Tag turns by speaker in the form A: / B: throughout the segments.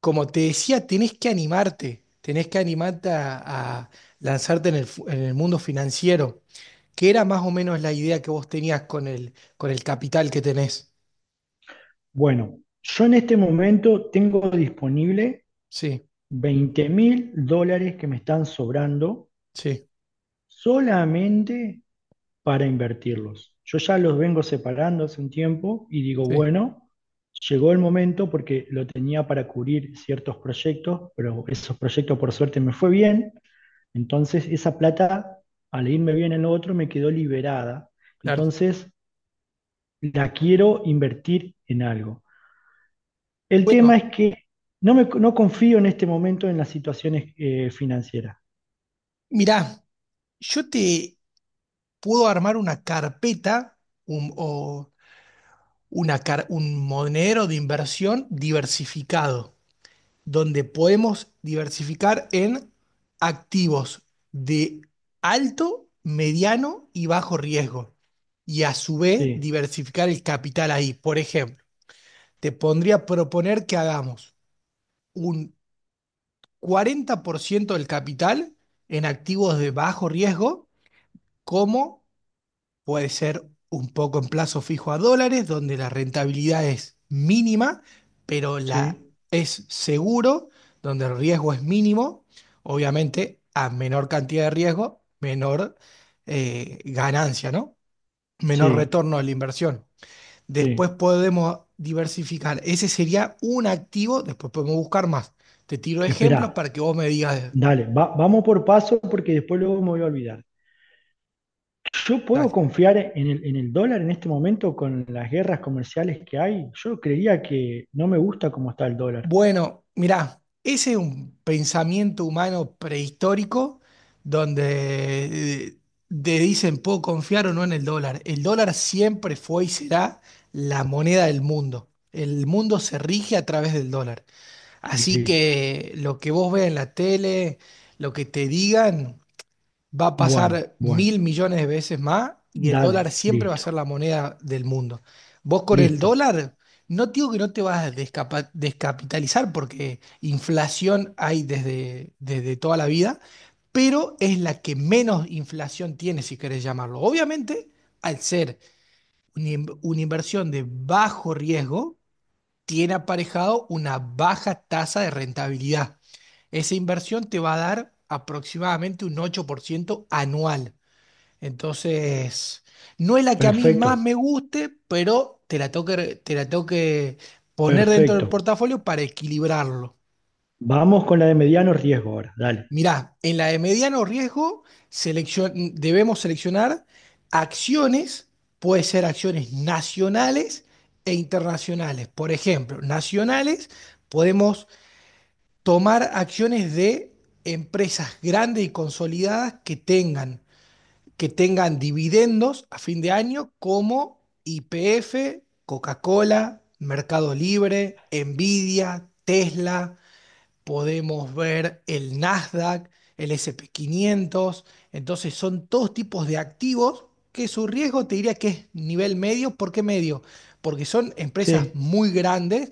A: Como te decía, tenés que animarte a lanzarte en el mundo financiero, que era más o menos la idea que vos tenías con el capital que tenés.
B: Bueno, yo en este momento tengo disponible
A: Sí,
B: 20.000 dólares que me están sobrando
A: sí,
B: solamente para invertirlos. Yo ya los vengo separando hace un tiempo y digo,
A: sí,
B: bueno, llegó el momento porque lo tenía para cubrir ciertos proyectos, pero esos proyectos por suerte me fue bien. Entonces esa plata, al irme bien en lo otro, me quedó liberada.
A: claro.
B: Entonces la quiero invertir en algo. El tema
A: Bueno,
B: es que no, me, no confío en este momento en las situaciones financieras.
A: mirá, yo te puedo armar una carpeta un- o una car- un monedero de inversión diversificado, donde podemos diversificar en activos de alto, mediano y bajo riesgo. Y a su vez
B: Sí,
A: diversificar el capital ahí. Por ejemplo, te pondría a proponer que hagamos un 40% del capital en activos de bajo riesgo, como puede ser un poco en plazo fijo a dólares, donde la rentabilidad es mínima, pero la
B: sí,
A: es seguro, donde el riesgo es mínimo. Obviamente, a menor cantidad de riesgo, menor ganancia, ¿no? Menor
B: sí,
A: retorno de la inversión. Después
B: sí.
A: podemos diversificar. Ese sería un activo, después podemos buscar más. Te tiro
B: Esperá,
A: ejemplos para que vos me digas,
B: dale, vamos por paso porque después luego me voy a olvidar. ¿Yo puedo
A: dale.
B: confiar en el dólar en este momento con las guerras comerciales que hay? Yo creía que no me gusta cómo está el dólar.
A: Bueno, mirá, ese es un pensamiento humano prehistórico, donde te dicen puedo confiar o no en el dólar. El dólar siempre fue y será la moneda del mundo. El mundo se rige a través del dólar. Así
B: Listo.
A: que lo que vos veas en la tele, lo que te digan, va a
B: Bueno,
A: pasar mil
B: bueno.
A: millones de veces más y el dólar
B: Dale,
A: siempre va a
B: listo,
A: ser la moneda del mundo. Vos con el
B: listo.
A: dólar, no te digo que no te vas a descapitalizar porque inflación hay desde toda la vida, pero es la que menos inflación tiene, si querés llamarlo. Obviamente, al ser una inversión de bajo riesgo, tiene aparejado una baja tasa de rentabilidad. Esa inversión te va a dar aproximadamente un 8% anual. Entonces, no es la que a mí más
B: Perfecto,
A: me guste, pero te la tengo que poner dentro del
B: perfecto.
A: portafolio para equilibrarlo.
B: Vamos con la de mediano riesgo ahora. Dale.
A: Mirá, en la de mediano riesgo debemos seleccionar acciones, puede ser acciones nacionales e internacionales. Por ejemplo, nacionales podemos tomar acciones de empresas grandes y consolidadas que tengan dividendos a fin de año como YPF, Coca-Cola, Mercado Libre, Nvidia, Tesla; podemos ver el Nasdaq, el S&P 500. Entonces, son todos tipos de activos que su riesgo te diría que es nivel medio. ¿Por qué medio? Porque son empresas
B: Sí.
A: muy grandes,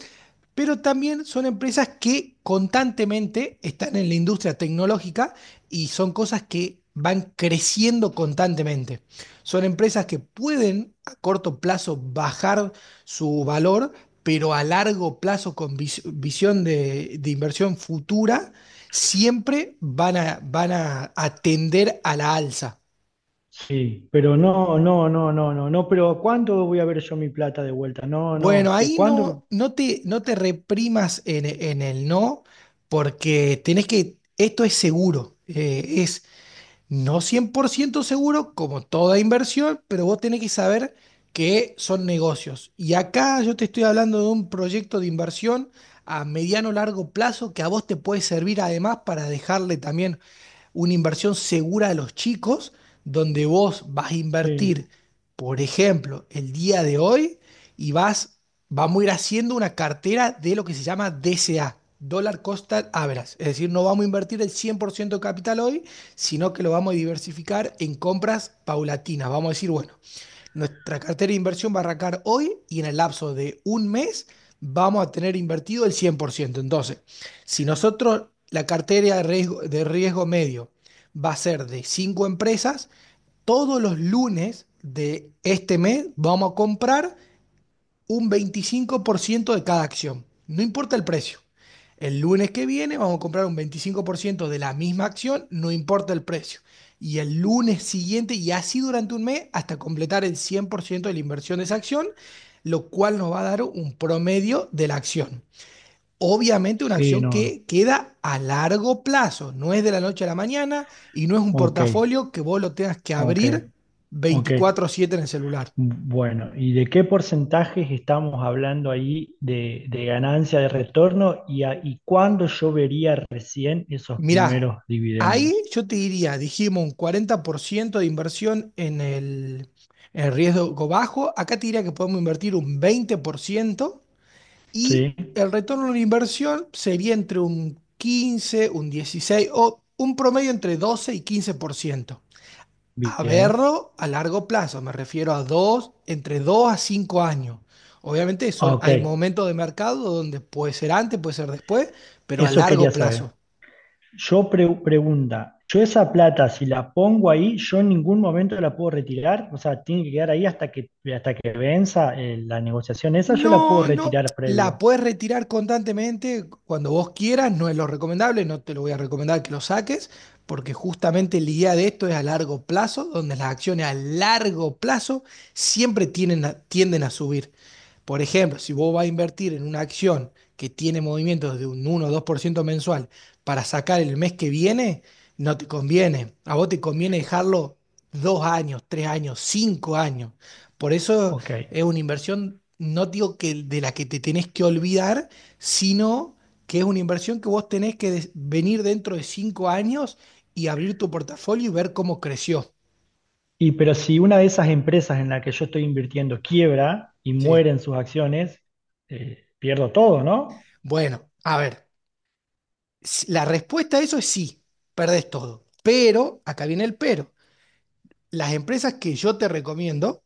A: pero también son empresas que constantemente están en la industria tecnológica y son cosas que van creciendo constantemente. Son empresas que pueden a corto plazo bajar su valor, pero a largo plazo, con visión de inversión futura, siempre van a atender a la alza.
B: Sí, pero no, no, no, no, no, no, pero ¿cuándo voy a ver yo mi plata de vuelta? No,
A: Bueno,
B: no, ¿que
A: ahí
B: cuándo?
A: no, no te reprimas en el no, porque esto es seguro, es no 100% seguro, como toda inversión, pero vos tenés que saber que son negocios. Y acá yo te estoy hablando de un proyecto de inversión a mediano largo plazo, que a vos te puede servir además para dejarle también una inversión segura a los chicos, donde vos vas a
B: Sí,
A: invertir, por ejemplo, el día de hoy y vamos a ir haciendo una cartera de lo que se llama DCA, Dollar Cost Average. Es decir, no vamos a invertir el 100% de capital hoy, sino que lo vamos a diversificar en compras paulatinas. Vamos a decir, bueno, nuestra cartera de inversión va a arrancar hoy, y en el lapso de un mes vamos a tener invertido el 100%. Entonces, si nosotros la cartera de riesgo medio va a ser de 5 empresas, todos los lunes de este mes vamos a comprar un 25% de cada acción, no importa el precio. El lunes que viene vamos a comprar un 25% de la misma acción, no importa el precio. Y el lunes siguiente, y así durante un mes, hasta completar el 100% de la inversión de esa acción, lo cual nos va a dar un promedio de la acción. Obviamente, una
B: sí,
A: acción
B: no, no,
A: que queda a largo plazo no es de la noche a la mañana, y no es un
B: ok,
A: portafolio que vos lo tengas que
B: ok,
A: abrir
B: ok.
A: 24/7 en el celular.
B: Bueno, ¿y de qué porcentajes estamos hablando ahí de ganancia de retorno y, y cuándo yo vería recién esos
A: Mirá,
B: primeros
A: ahí
B: dividendos?
A: yo te diría, dijimos un 40% de inversión en el en el riesgo bajo; acá te diría que podemos invertir un 20%, y
B: Sí,
A: el retorno de la inversión sería entre un 15, un dieciséis, o un promedio entre 12 y 15%. A
B: bien,
A: verlo a largo plazo, me refiero entre 2 a 5 años. Obviamente
B: ok,
A: hay momentos de mercado donde puede ser antes, puede ser después, pero a
B: eso quería
A: largo plazo.
B: saber. Yo pregunta, yo esa plata, si la pongo ahí, yo en ningún momento la puedo retirar, o sea, tiene que quedar ahí hasta que venza la negociación. Esa yo la puedo
A: No, no.
B: retirar
A: La
B: previo.
A: puedes retirar constantemente cuando vos quieras, no es lo recomendable, no te lo voy a recomendar que lo saques, porque justamente la idea de esto es a largo plazo, donde las acciones a largo plazo siempre tienden a subir. Por ejemplo, si vos vas a invertir en una acción que tiene movimientos de un uno o 2% mensual para sacar el mes que viene, no te conviene. A vos te conviene dejarlo 2 años, 3 años, 5 años. Por eso
B: Ok.
A: es una inversión, no digo que de la que te tenés que olvidar, sino que es una inversión que vos tenés que venir dentro de 5 años y abrir tu portafolio y ver cómo creció.
B: Y pero si una de esas empresas en la que yo estoy invirtiendo quiebra y
A: Sí.
B: mueren sus acciones, pierdo todo, ¿no?
A: Bueno, a ver, la respuesta a eso es sí, perdés todo. Pero acá viene el pero. Las empresas que yo te recomiendo,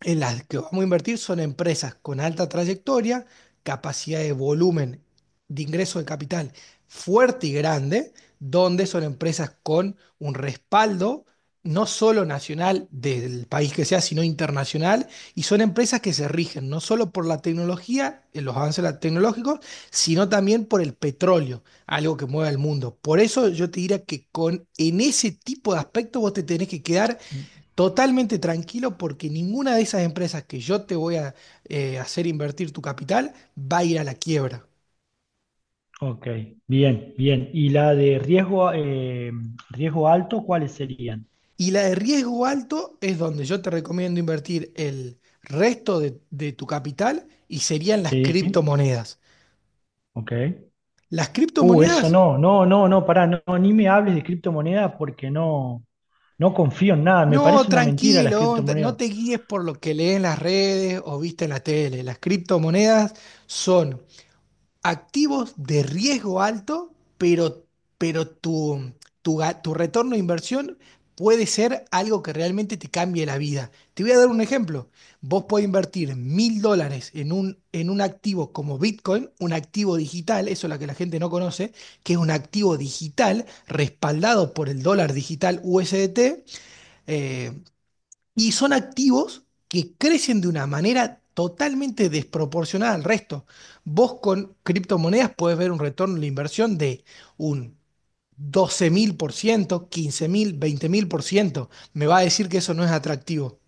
A: en las que vamos a invertir, son empresas con alta trayectoria, capacidad de volumen de ingreso de capital fuerte y grande, donde son empresas con un respaldo no solo nacional del país que sea, sino internacional, y son empresas que se rigen no solo por la tecnología, en los avances tecnológicos, sino también por el petróleo, algo que mueve al mundo. Por eso yo te diría que en ese tipo de aspectos vos te tenés que quedar totalmente tranquilo, porque ninguna de esas empresas que yo te voy a hacer invertir tu capital va a ir a la quiebra.
B: Ok, bien, bien. ¿Y la de riesgo, riesgo alto, cuáles serían?
A: Y la de riesgo alto es donde yo te recomiendo invertir el resto de tu capital, y serían las
B: Sí,
A: criptomonedas.
B: ok.
A: Las
B: Eso
A: criptomonedas,
B: no, no, no, no, pará, no, no, ni me hables de criptomonedas porque no, no confío en nada. Me
A: no,
B: parece una mentira las
A: tranquilo, no
B: criptomonedas.
A: te guíes por lo que lees en las redes o viste en la tele. Las criptomonedas son activos de riesgo alto, pero tu retorno de inversión puede ser algo que realmente te cambie la vida. Te voy a dar un ejemplo. Vos podés invertir $1.000 en un, activo como Bitcoin, un activo digital, eso es lo que la gente no conoce, que es un activo digital respaldado por el dólar digital USDT, eh, y son activos que crecen de una manera totalmente desproporcionada al resto. Vos con criptomonedas podés ver un retorno de la inversión de un doce mil, por ciento, quince mil, veinte mil por ciento. Me va a decir que eso no es atractivo.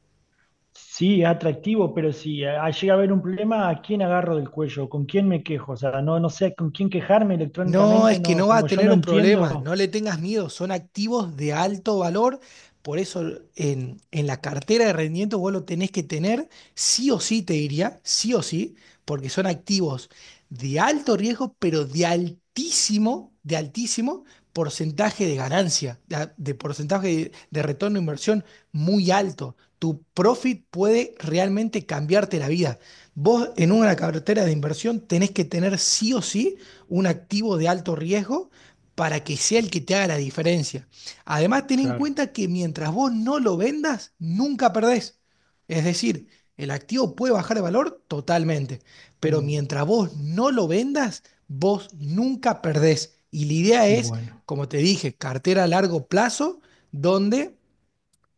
B: Sí, es atractivo, pero si llega a haber un problema, ¿a quién agarro del cuello? ¿Con quién me quejo? O sea, no, no sé con quién quejarme
A: No,
B: electrónicamente,
A: es que
B: no,
A: no va a
B: como yo
A: tener
B: no
A: un problema,
B: entiendo.
A: no le tengas miedo, son activos de alto valor, por eso en la cartera de rendimiento vos lo tenés que tener sí o sí, te diría, sí o sí, porque son activos de alto riesgo, pero de altísimo porcentaje de ganancia, de porcentaje de retorno de inversión muy alto. Tu profit puede realmente cambiarte la vida. Vos en una cartera de inversión tenés que tener sí o sí un activo de alto riesgo, para que sea el que te haga la diferencia. Además, ten en
B: Claro.
A: cuenta que mientras vos no lo vendas, nunca perdés. Es decir, el activo puede bajar de valor totalmente, pero
B: Uh,
A: mientras vos no lo vendas, vos nunca perdés. Y la idea es,
B: bueno.
A: como te dije, cartera a largo plazo, donde,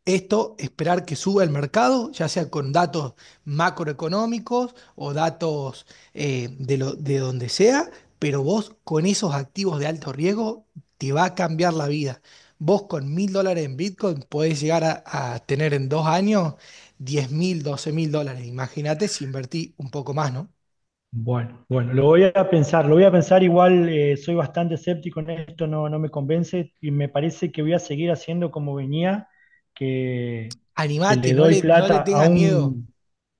A: esto, esperar que suba el mercado, ya sea con datos macroeconómicos o datos de donde sea, pero vos con esos activos de alto riesgo te va a cambiar la vida. Vos con $1.000 en Bitcoin podés llegar a tener en 2 años 10 mil, 12 mil dólares. Imagínate si invertí un poco más, ¿no?
B: Bueno, bueno, lo voy a pensar, lo voy a pensar igual, soy bastante escéptico en esto, no, no me convence y me parece que voy a seguir haciendo como venía, que, que
A: Animate,
B: le
A: no
B: doy
A: le, no le
B: plata
A: tengas miedo.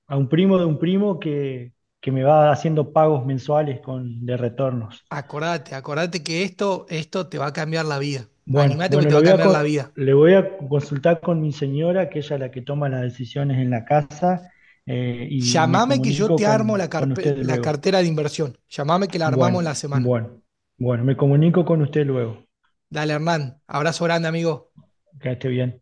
B: a un primo de un primo que me va haciendo pagos mensuales con, de retornos.
A: Acordate, acordate que esto te va a cambiar la vida.
B: Bueno,
A: Animate porque
B: bueno,
A: te
B: lo
A: va a
B: voy a,
A: cambiar la vida.
B: le voy a consultar con mi señora, que ella es la que toma las decisiones en la casa, y me
A: Llamame que yo
B: comunico
A: te armo la,
B: con
A: carpe-
B: ustedes
A: la
B: luego.
A: cartera de inversión. Llamame que la armamos en la
B: Bueno,
A: semana.
B: bueno, bueno, me comunico con usted luego.
A: Dale, Hernán. Abrazo grande, amigo.
B: Que esté bien.